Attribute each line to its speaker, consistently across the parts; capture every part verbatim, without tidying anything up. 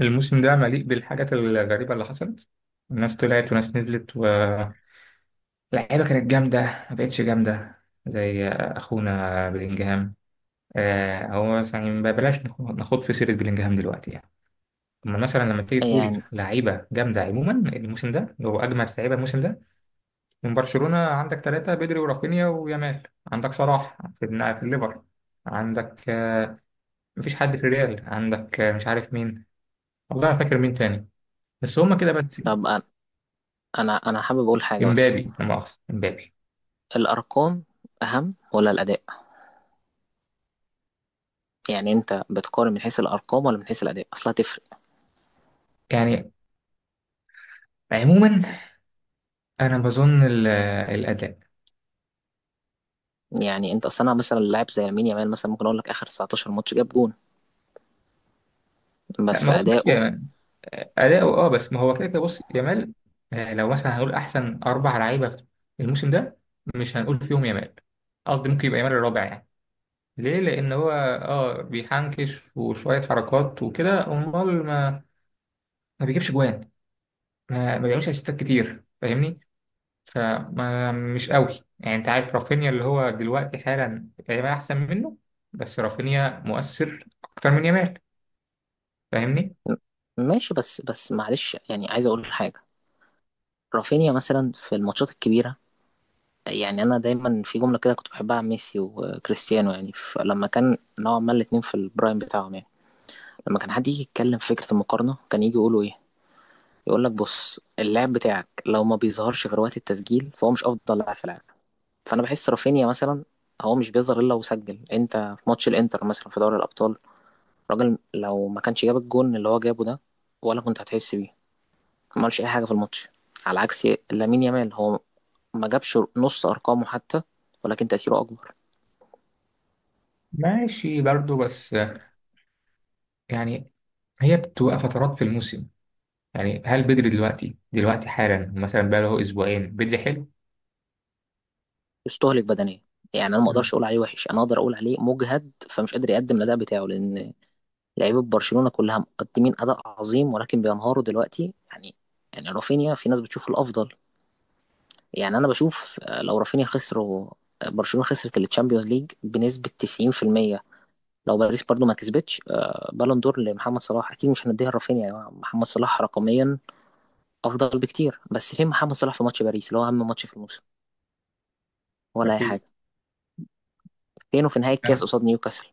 Speaker 1: الموسم ده مليء بالحاجات الغريبة اللي حصلت. ناس طلعت وناس نزلت، واللعيبة كانت جامدة، ما بقتش جامدة زي أخونا بلينجهام. آه، هو مثلا يعني ما بلاش نخ- نخوض في سيرة بلينجهام دلوقتي يعني. أما مثلا لما تيجي تقول
Speaker 2: يعني
Speaker 1: لعيبة جامدة عموما الموسم ده، اللي هو أجمد لعيبة الموسم ده من برشلونة، عندك ثلاثة: بدري ورافينيا ويامال. عندك صلاح في النا- في الليفر. عندك آه، مفيش حد في الريال. عندك آه، مش عارف مين، والله ما فاكر مين تاني، بس هما كده بس.
Speaker 2: طب أنا أنا أنا حابب أقول حاجة، بس
Speaker 1: امبابي، لا مؤاخذة، امبابي.
Speaker 2: الأرقام أهم ولا الأداء؟ يعني أنت بتقارن من حيث الأرقام ولا من حيث الأداء؟ أصلا هتفرق.
Speaker 1: يعني عموما انا بظن ال- الاداء.
Speaker 2: يعني أنت أصلا مثلا لاعب زي لامين يامال مثلا، ممكن أقول لك آخر تسعتاشر ماتش جاب جون،
Speaker 1: لا،
Speaker 2: بس
Speaker 1: ما هو
Speaker 2: أداؤه
Speaker 1: ماشي اداؤه، اه، بس ما هو كده كده. بص يامال، آه، لو مثلا هنقول احسن اربع لعيبه الموسم ده، مش هنقول فيهم يامال، قصدي ممكن يبقى يامال الرابع يعني. ليه؟ لان هو اه بيحنكش وشويه حركات وكده، امال ما ما بيجيبش جوان، ما, ما بيعملش اسيستات كتير، فاهمني؟ فما مش قوي يعني. انت عارف رافينيا اللي هو دلوقتي حالا تقريبا احسن منه، بس رافينيا مؤثر اكتر من يامال، فاهمني؟
Speaker 2: ماشي. بس بس معلش، يعني عايز أقول حاجة. رافينيا مثلا في الماتشات الكبيرة، يعني أنا دايما في جملة كده كنت بحبها عن ميسي وكريستيانو، يعني فلما كان نوعا ما الاتنين في البرايم بتاعهم، يعني لما كان حد يجي يتكلم في فكرة المقارنة كان يجي يقولوا إيه؟ يقول لك بص، اللاعب بتاعك لو ما بيظهرش غير وقت التسجيل فهو مش افضل لاعب في العالم. فانا بحس رافينيا مثلا هو مش بيظهر الا وسجل، انت في ماتش الانتر مثلا في دوري الابطال، الراجل لو ما كانش جاب الجون اللي هو جابه ده ولا كنت هتحس بيه. ما عملش اي حاجه في الماتش، على عكس لامين يامال. هو ما جابش نص ارقامه حتى، ولكن تاثيره اكبر.
Speaker 1: ماشي برضو، بس يعني هي بتبقى فترات في الموسم، يعني هل بدري دلوقتي؟ دلوقتي حالا مثلا بقى له اسبوعين بدري حلو.
Speaker 2: يستهلك بدنيا، يعني انا ما
Speaker 1: مم.
Speaker 2: اقدرش اقول عليه وحش، انا اقدر اقول عليه مجهد، فمش قادر يقدم الاداء بتاعه، لان لعيبه برشلونه كلها مقدمين اداء عظيم ولكن بينهاروا دلوقتي، يعني. يعني رافينيا في ناس بتشوفه الافضل، يعني انا بشوف، آه، لو رافينيا خسر و- آه، برشلونه خسرت التشامبيونز ليج بنسبه تسعين في المية، لو باريس برضو ما كسبتش آه، بالون دور لمحمد صلاح اكيد مش هنديها لرافينيا يا جماعة. محمد صلاح رقميا افضل بكتير، بس فين محمد صلاح في ماتش باريس اللي هو اهم ماتش في الموسم ولا اي
Speaker 1: مفيش.
Speaker 2: حاجه؟ فينه في نهايه الكاس
Speaker 1: تمام.
Speaker 2: قصاد نيوكاسل؟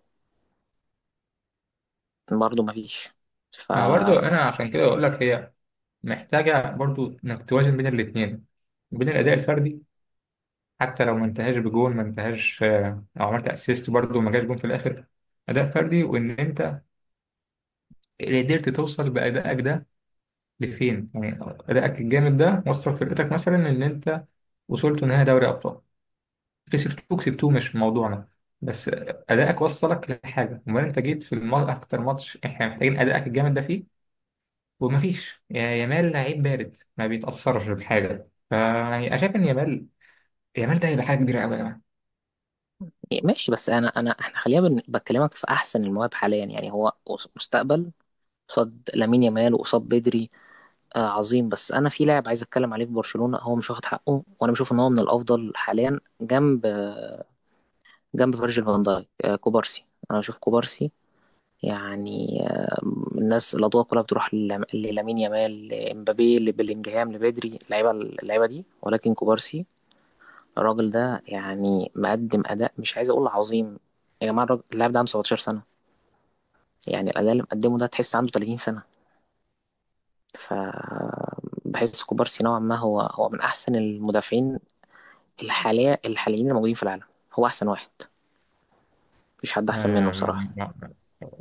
Speaker 2: برضو ما فيش. ف
Speaker 1: فبرضو انا عشان كده اقول لك، هي محتاجه برضو انك توازن بين الاثنين، بين الاداء الفردي. حتى لو ما انتهاش بجول، ما انتهاش، آه، لو عملت اسيست برضه ما جاش جون في الاخر. اداء فردي، وان انت قدرت توصل بادائك ده لفين، يعني ادائك الجامد ده وصل فرقتك مثلا ان انت وصلت نهائي دوري ابطال، كسبتوه كسبتوه مش موضوعنا، بس ادائك وصلك لحاجه. امال انت جيت في الم... اكتر ماتش احنا محتاجين ادائك الجامد ده فيه، ومفيش. يا يامال، لعيب بارد ما بيتاثرش بحاجه. فيعني انا شايف ان يامال، يامال ده هيبقى حاجه كبيره قوي يا جماعه.
Speaker 2: إيه، ماشي، بس انا انا احنا خلينا بن- بكلمك في احسن المواهب حاليا، يعني هو قص- مستقبل قصاد لامين يامال وقصاد بدري. آه عظيم. بس انا في لاعب عايز اتكلم عليه في برشلونة هو مش واخد حقه، وانا بشوف ان هو من الافضل حاليا، جنب جنب فيرجيل فان دايك، آه كوبارسي. انا بشوف كوبارسي، يعني آه الناس الاضواء كلها بتروح للام- للامين يامال، لامبابي، لبلينجهام، لبدري، اللعيبه اللعيبه دي، ولكن كوبارسي الراجل ده يعني مقدم اداء مش عايز اقول عظيم. يا جماعه، الراجل- اللاعب ده عنده سبعة عشر سنه، يعني الأداء اللي مقدمه ده تحس عنده ثلاثين سنة. ف بحس كوبارسي نوعا ما هو هو من أحسن المدافعين الحالية الحاليين اللي موجودين في العالم. هو أحسن واحد، مفيش حد أحسن منه
Speaker 1: آه، ما-
Speaker 2: بصراحة.
Speaker 1: ما-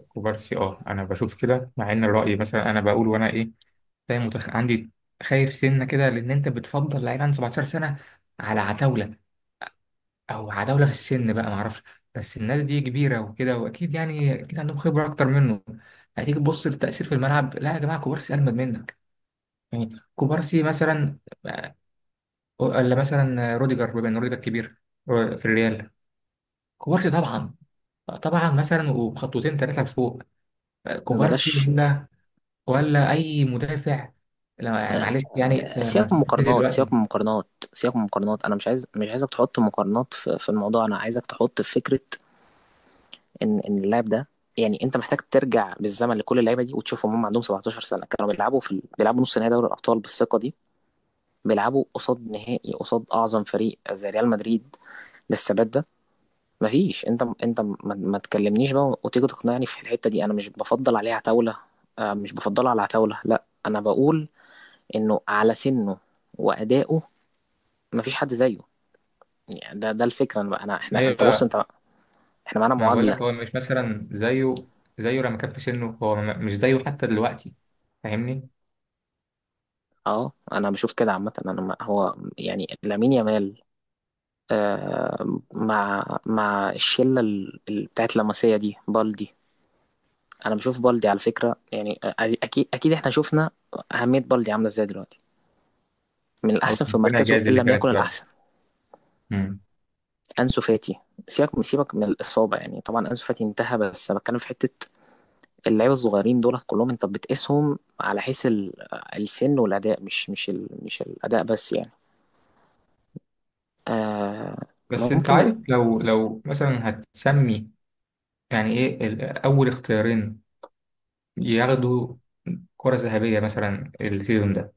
Speaker 1: كوبارسي، اه، انا بشوف كده، مع ان الرأي مثلا انا بقول وانا ايه، فاهم متخ... عندي. خايف سنه كده، لان انت بتفضل لعيب عنده سبعة عشر سنه على عتاوله، او عتاوله في السن بقى ما اعرفش، بس الناس دي كبيره وكده، واكيد يعني اكيد عندهم خبره اكتر منه. هتيجي تبص للتأثير في الملعب، لا يا جماعه كوبارسي اجمد منك يعني. كوبارسي مثلا، ولا مثلا روديجر، بما ان روديجر كبير آه، في الريال، كوبارسي طبعا. طبعا مثلا، وبخطوتين ثلاثه لفوق آه، كوبارسي،
Speaker 2: بلاش.
Speaker 1: ولا اي مدافع، لا يعني معلش يعني في
Speaker 2: سيبك من
Speaker 1: منتخب
Speaker 2: المقارنات، سيبك
Speaker 1: دلوقتي.
Speaker 2: من المقارنات، سيبك من المقارنات. أنا مش عايز مش عايزك تحط مقارنات في, في الموضوع. أنا عايزك تحط في فكرة إن إن اللاعب ده، يعني أنت محتاج ترجع بالزمن لكل اللعيبة دي وتشوفهم، هم عندهم سبعة عشر سنة كانوا بيلعبوا في ال- بيلعبوا نص نهائي دوري الأبطال بالثقة دي؟ بيلعبوا قصاد نهائي، قصاد أعظم فريق زي ريال مدريد، بالثبات ده؟ مفيش. انت انت ما, ما تكلمنيش بقى وتيجي تقنعني في الحته دي. انا مش بفضل عليه عتاوله، آه مش بفضله على عتاوله، لا. انا بقول انه على سنه وادائه مفيش حد زيه. يعني ده ده الفكره. انا بقى انا احنا انت بص
Speaker 1: ايوه،
Speaker 2: انت، احنا معانا
Speaker 1: ما بقول لك
Speaker 2: معادله.
Speaker 1: هو مش مثلا زيه، زيه لما كان في سنه هو، م- مش زيه حتى دلوقتي، فاهمني؟
Speaker 2: اه انا بشوف كده عامه. انا ما- هو، يعني لامين يامال، آه مع مع الشله، ال- ال- بتاعت لاماسيا دي، بالدي. انا بشوف بالدي على فكره، يعني آه، اكيد اكيد، احنا شفنا اهميه بالدي عامله ازاي دلوقتي، من
Speaker 1: الله،
Speaker 2: الأحسن في
Speaker 1: ربنا
Speaker 2: مركزه
Speaker 1: يجازي
Speaker 2: إن
Speaker 1: اللي
Speaker 2: لم
Speaker 1: كانت
Speaker 2: يكن
Speaker 1: سبب.
Speaker 2: الأحسن.
Speaker 1: مم.
Speaker 2: أنسو فاتي، سيبك سيبك من الإصابة. يعني طبعا أنسو فاتي انتهى، بس أنا بتكلم في حتة اللعيبة الصغيرين دولت كلهم، أنت بتقيسهم على حيث ال- السن والأداء، مش مش ال... مش الأداء بس، يعني آه.
Speaker 1: بس انت
Speaker 2: ممكن من...
Speaker 1: عارف، لو لو مثلا هتسمي يعني ايه ال- اول اختيارين ياخدوا كرة ذهبية مثلا السيزون ده.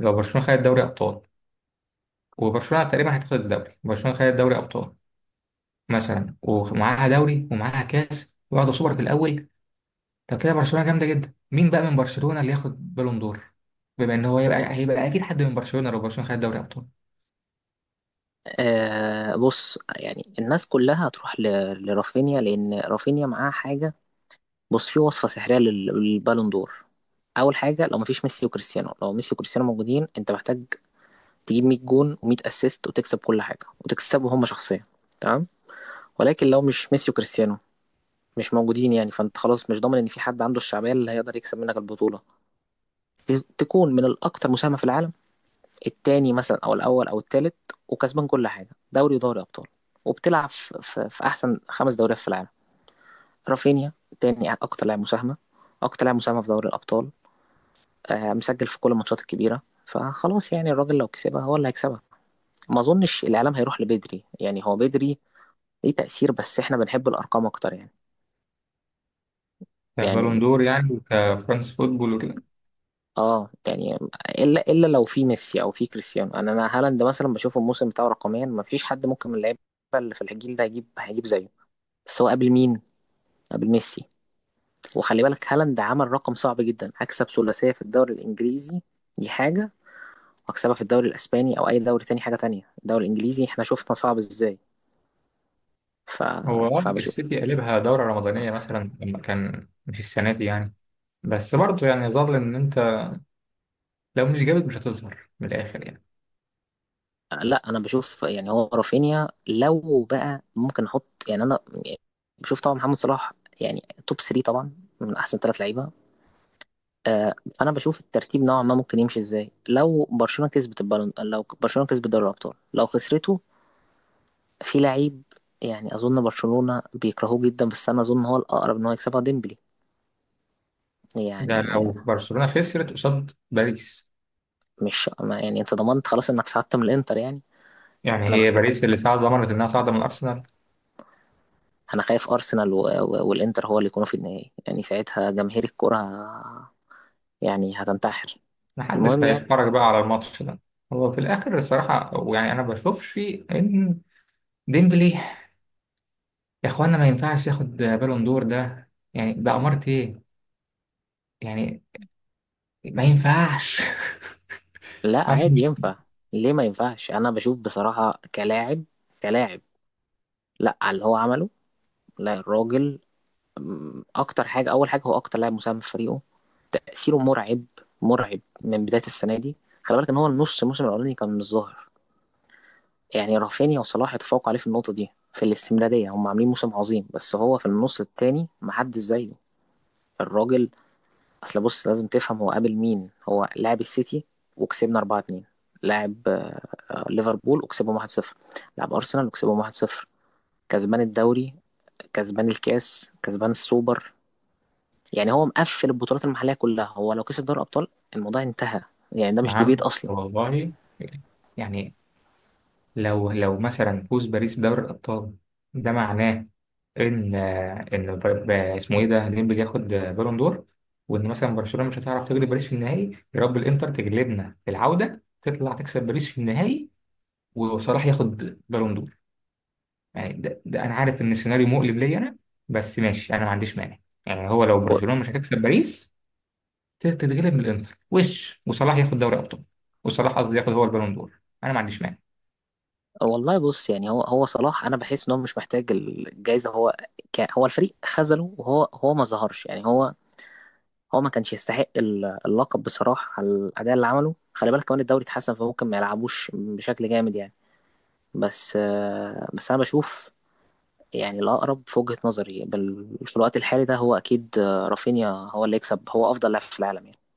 Speaker 1: لو برشلونة خدت دوري ابطال، وبرشلونة تقريبا هتاخد الدوري، برشلونة خدت دوري ابطال مثلا ومعاها دوري ومعاها كاس، واخدة سوبر في الاول، طب كده برشلونة جامدة جدا، مين بقى من برشلونة اللي ياخد بالون دور؟ بما ان هو هيبقى، هيبقى اكيد حد من برشلونة لو برشلونة خد دوري ابطال.
Speaker 2: آه بص، يعني الناس كلها هتروح ل... لرافينيا لأن رافينيا معاه حاجة. بص، في وصفة سحرية لل... للبالون دور. أول حاجة لو مفيش ميسي وكريستيانو، لو ميسي وكريستيانو موجودين أنت محتاج تجيب مية جون و100 اسيست وتكسب كل حاجه وتكسبه هم شخصيا، تمام. ولكن لو مش ميسي وكريستيانو مش موجودين يعني، فانت خلاص مش ضامن ان في حد عنده الشعبيه اللي هيقدر يكسب منك البطوله. ت- تكون من الاكثر مساهمه في العالم، الثاني مثلا او الاول او الثالث، وكسبان كل حاجه، دوري ودوري ابطال، وبتلعب في, في, في احسن خمس دوريات في العالم. رافينيا تاني اكتر لاعب مساهمه، اكتر لاعب مساهمه في دوري الابطال، آه مسجل في كل الماتشات الكبيره. فخلاص يعني الراجل لو كسبها هو اللي هيكسبها. ما اظنش الاعلام هيروح لبدري، يعني هو بدري ليه تأثير، بس احنا بنحب الأرقام أكتر، يعني. يعني
Speaker 1: كبالون دور يعني، وكفرانس فوتبول وكده.
Speaker 2: اه يعني، الا الا لو في ميسي او في كريستيانو. انا انا هالاند مثلا بشوف الموسم بتاعه رقميا ما فيش حد ممكن من اللعيبه اللي في الجيل ده هيجيب هيجيب زيه. بس هو قبل مين؟ قبل ميسي. وخلي بالك هالاند عمل رقم صعب جدا، هكسب ثلاثيه في الدوري الانجليزي، دي حاجه، واكسبها في الدوري الاسباني او اي دوري تاني حاجه تانية، الدوري الانجليزي احنا شفنا صعب ازاي. ف...
Speaker 1: هو آه
Speaker 2: فبشوف.
Speaker 1: السيتي قلبها دورة رمضانية مثلا، لما كان، مش السنة دي يعني. بس برضه يعني، يظل ان انت لو مش جامد مش هتظهر من الاخر يعني.
Speaker 2: لا انا بشوف، يعني هو رافينيا لو بقى ممكن احط، يعني انا بشوف طبعا محمد صلاح يعني، توب ثلاثة طبعا، من احسن ثلاث لعيبه. آه، فانا بشوف الترتيب نوعا ما ممكن يمشي ازاي. لو برشلونه كسبت البالون، لو برشلونه كسبت دوري الابطال، لو خسرته، في لعيب يعني اظن برشلونه بيكرهوه جدا بس انا اظن هو الاقرب ان هو يكسبها، ديمبلي
Speaker 1: ده
Speaker 2: يعني.
Speaker 1: لو برشلونة خسرت قصاد باريس.
Speaker 2: مش ما- يعني، انت ضمنت خلاص انك ساعدت من الانتر، يعني.
Speaker 1: يعني
Speaker 2: انا
Speaker 1: هي
Speaker 2: بك
Speaker 1: باريس اللي صعد، ضمنت انها صاعدة من الارسنال.
Speaker 2: انا خايف ارسنال و... و... والانتر هو اللي يكونوا في النهائي، يعني ساعتها جماهير الكره يعني هتنتحر.
Speaker 1: محدش
Speaker 2: المهم يعني.
Speaker 1: هيتفرج بقى على الماتش ده. هو في الاخر الصراحة يعني، انا ما بشوفش ان ديمبلي، يا اخوانا ما ينفعش ياخد بالون دور، ده يعني ده امارة ايه يعني؟ ما ينفعش.
Speaker 2: لا
Speaker 1: انا
Speaker 2: عادي
Speaker 1: مش.
Speaker 2: ينفع. ليه ما ينفعش؟ انا بشوف بصراحة كلاعب، كلاعب، لا على اللي هو عمله. لا الراجل أم، اكتر حاجة اول حاجة هو اكتر لاعب مساهم في فريقه، تأثيره مرعب، مرعب من بداية السنة دي. خلي بالك ان هو النص الموسم الاولاني كان مش ظاهر، يعني رافينيا وصلاح اتفوقوا عليه في النقطة دي في الاستمرارية، هم عاملين موسم عظيم، بس هو في النص التاني محدش زيه. الراجل اصل بص لازم تفهم هو قابل مين. هو لاعب السيتي وكسبنا اربعة اتنين، لاعب آه، ليفربول وكسبهم واحد صفر، لاعب ارسنال وكسبهم واحد صفر، كسبان الدوري، كسبان الكاس، كسبان السوبر. يعني هو مقفل البطولات المحليه كلها، هو لو كسب دوري الابطال الموضوع انتهى. يعني ده مش ديبيت
Speaker 1: نعم
Speaker 2: اصلا.
Speaker 1: والله. يعني لو لو مثلا فوز باريس بدوري الابطال، ده معناه ان، ان بر- ب- اسمه ايه ده، ديمبلي ياخد بالون دور. وان مثلا برشلونة مش هتعرف تغلب باريس في النهائي، يا رب الانتر تجلبنا في العودة تطلع تكسب باريس في النهائي وصلاح ياخد بالون دور. يعني ده, ده انا عارف ان السيناريو مقلب ليا انا، بس ماشي، انا ما عنديش مانع. يعني هو لو
Speaker 2: و-
Speaker 1: برشلونه مش هتكسب باريس، تتغلب من الانتر، وش وصلاح ياخد دوري ابطال، وصلاح قصدي ياخد هو البالون دور، انا ما عنديش مانع.
Speaker 2: والله بص، يعني هو هو صلاح، انا بحس ان هو مش محتاج الجائزه. هو، ك- هو الفريق خذله وهو هو ما ظهرش، يعني هو هو ما كانش يستحق ال- اللقب بصراحة على الأداء اللي عمله. خلي بالك كمان الدوري اتحسن فممكن ما يلعبوش بشكل جامد، يعني. بس آه، بس أنا بشوف، يعني الأقرب في وجهة نظري بال- في الوقت الحالي ده هو أكيد آه، رافينيا هو اللي يكسب. هو أفضل لاعب في العالم، يعني.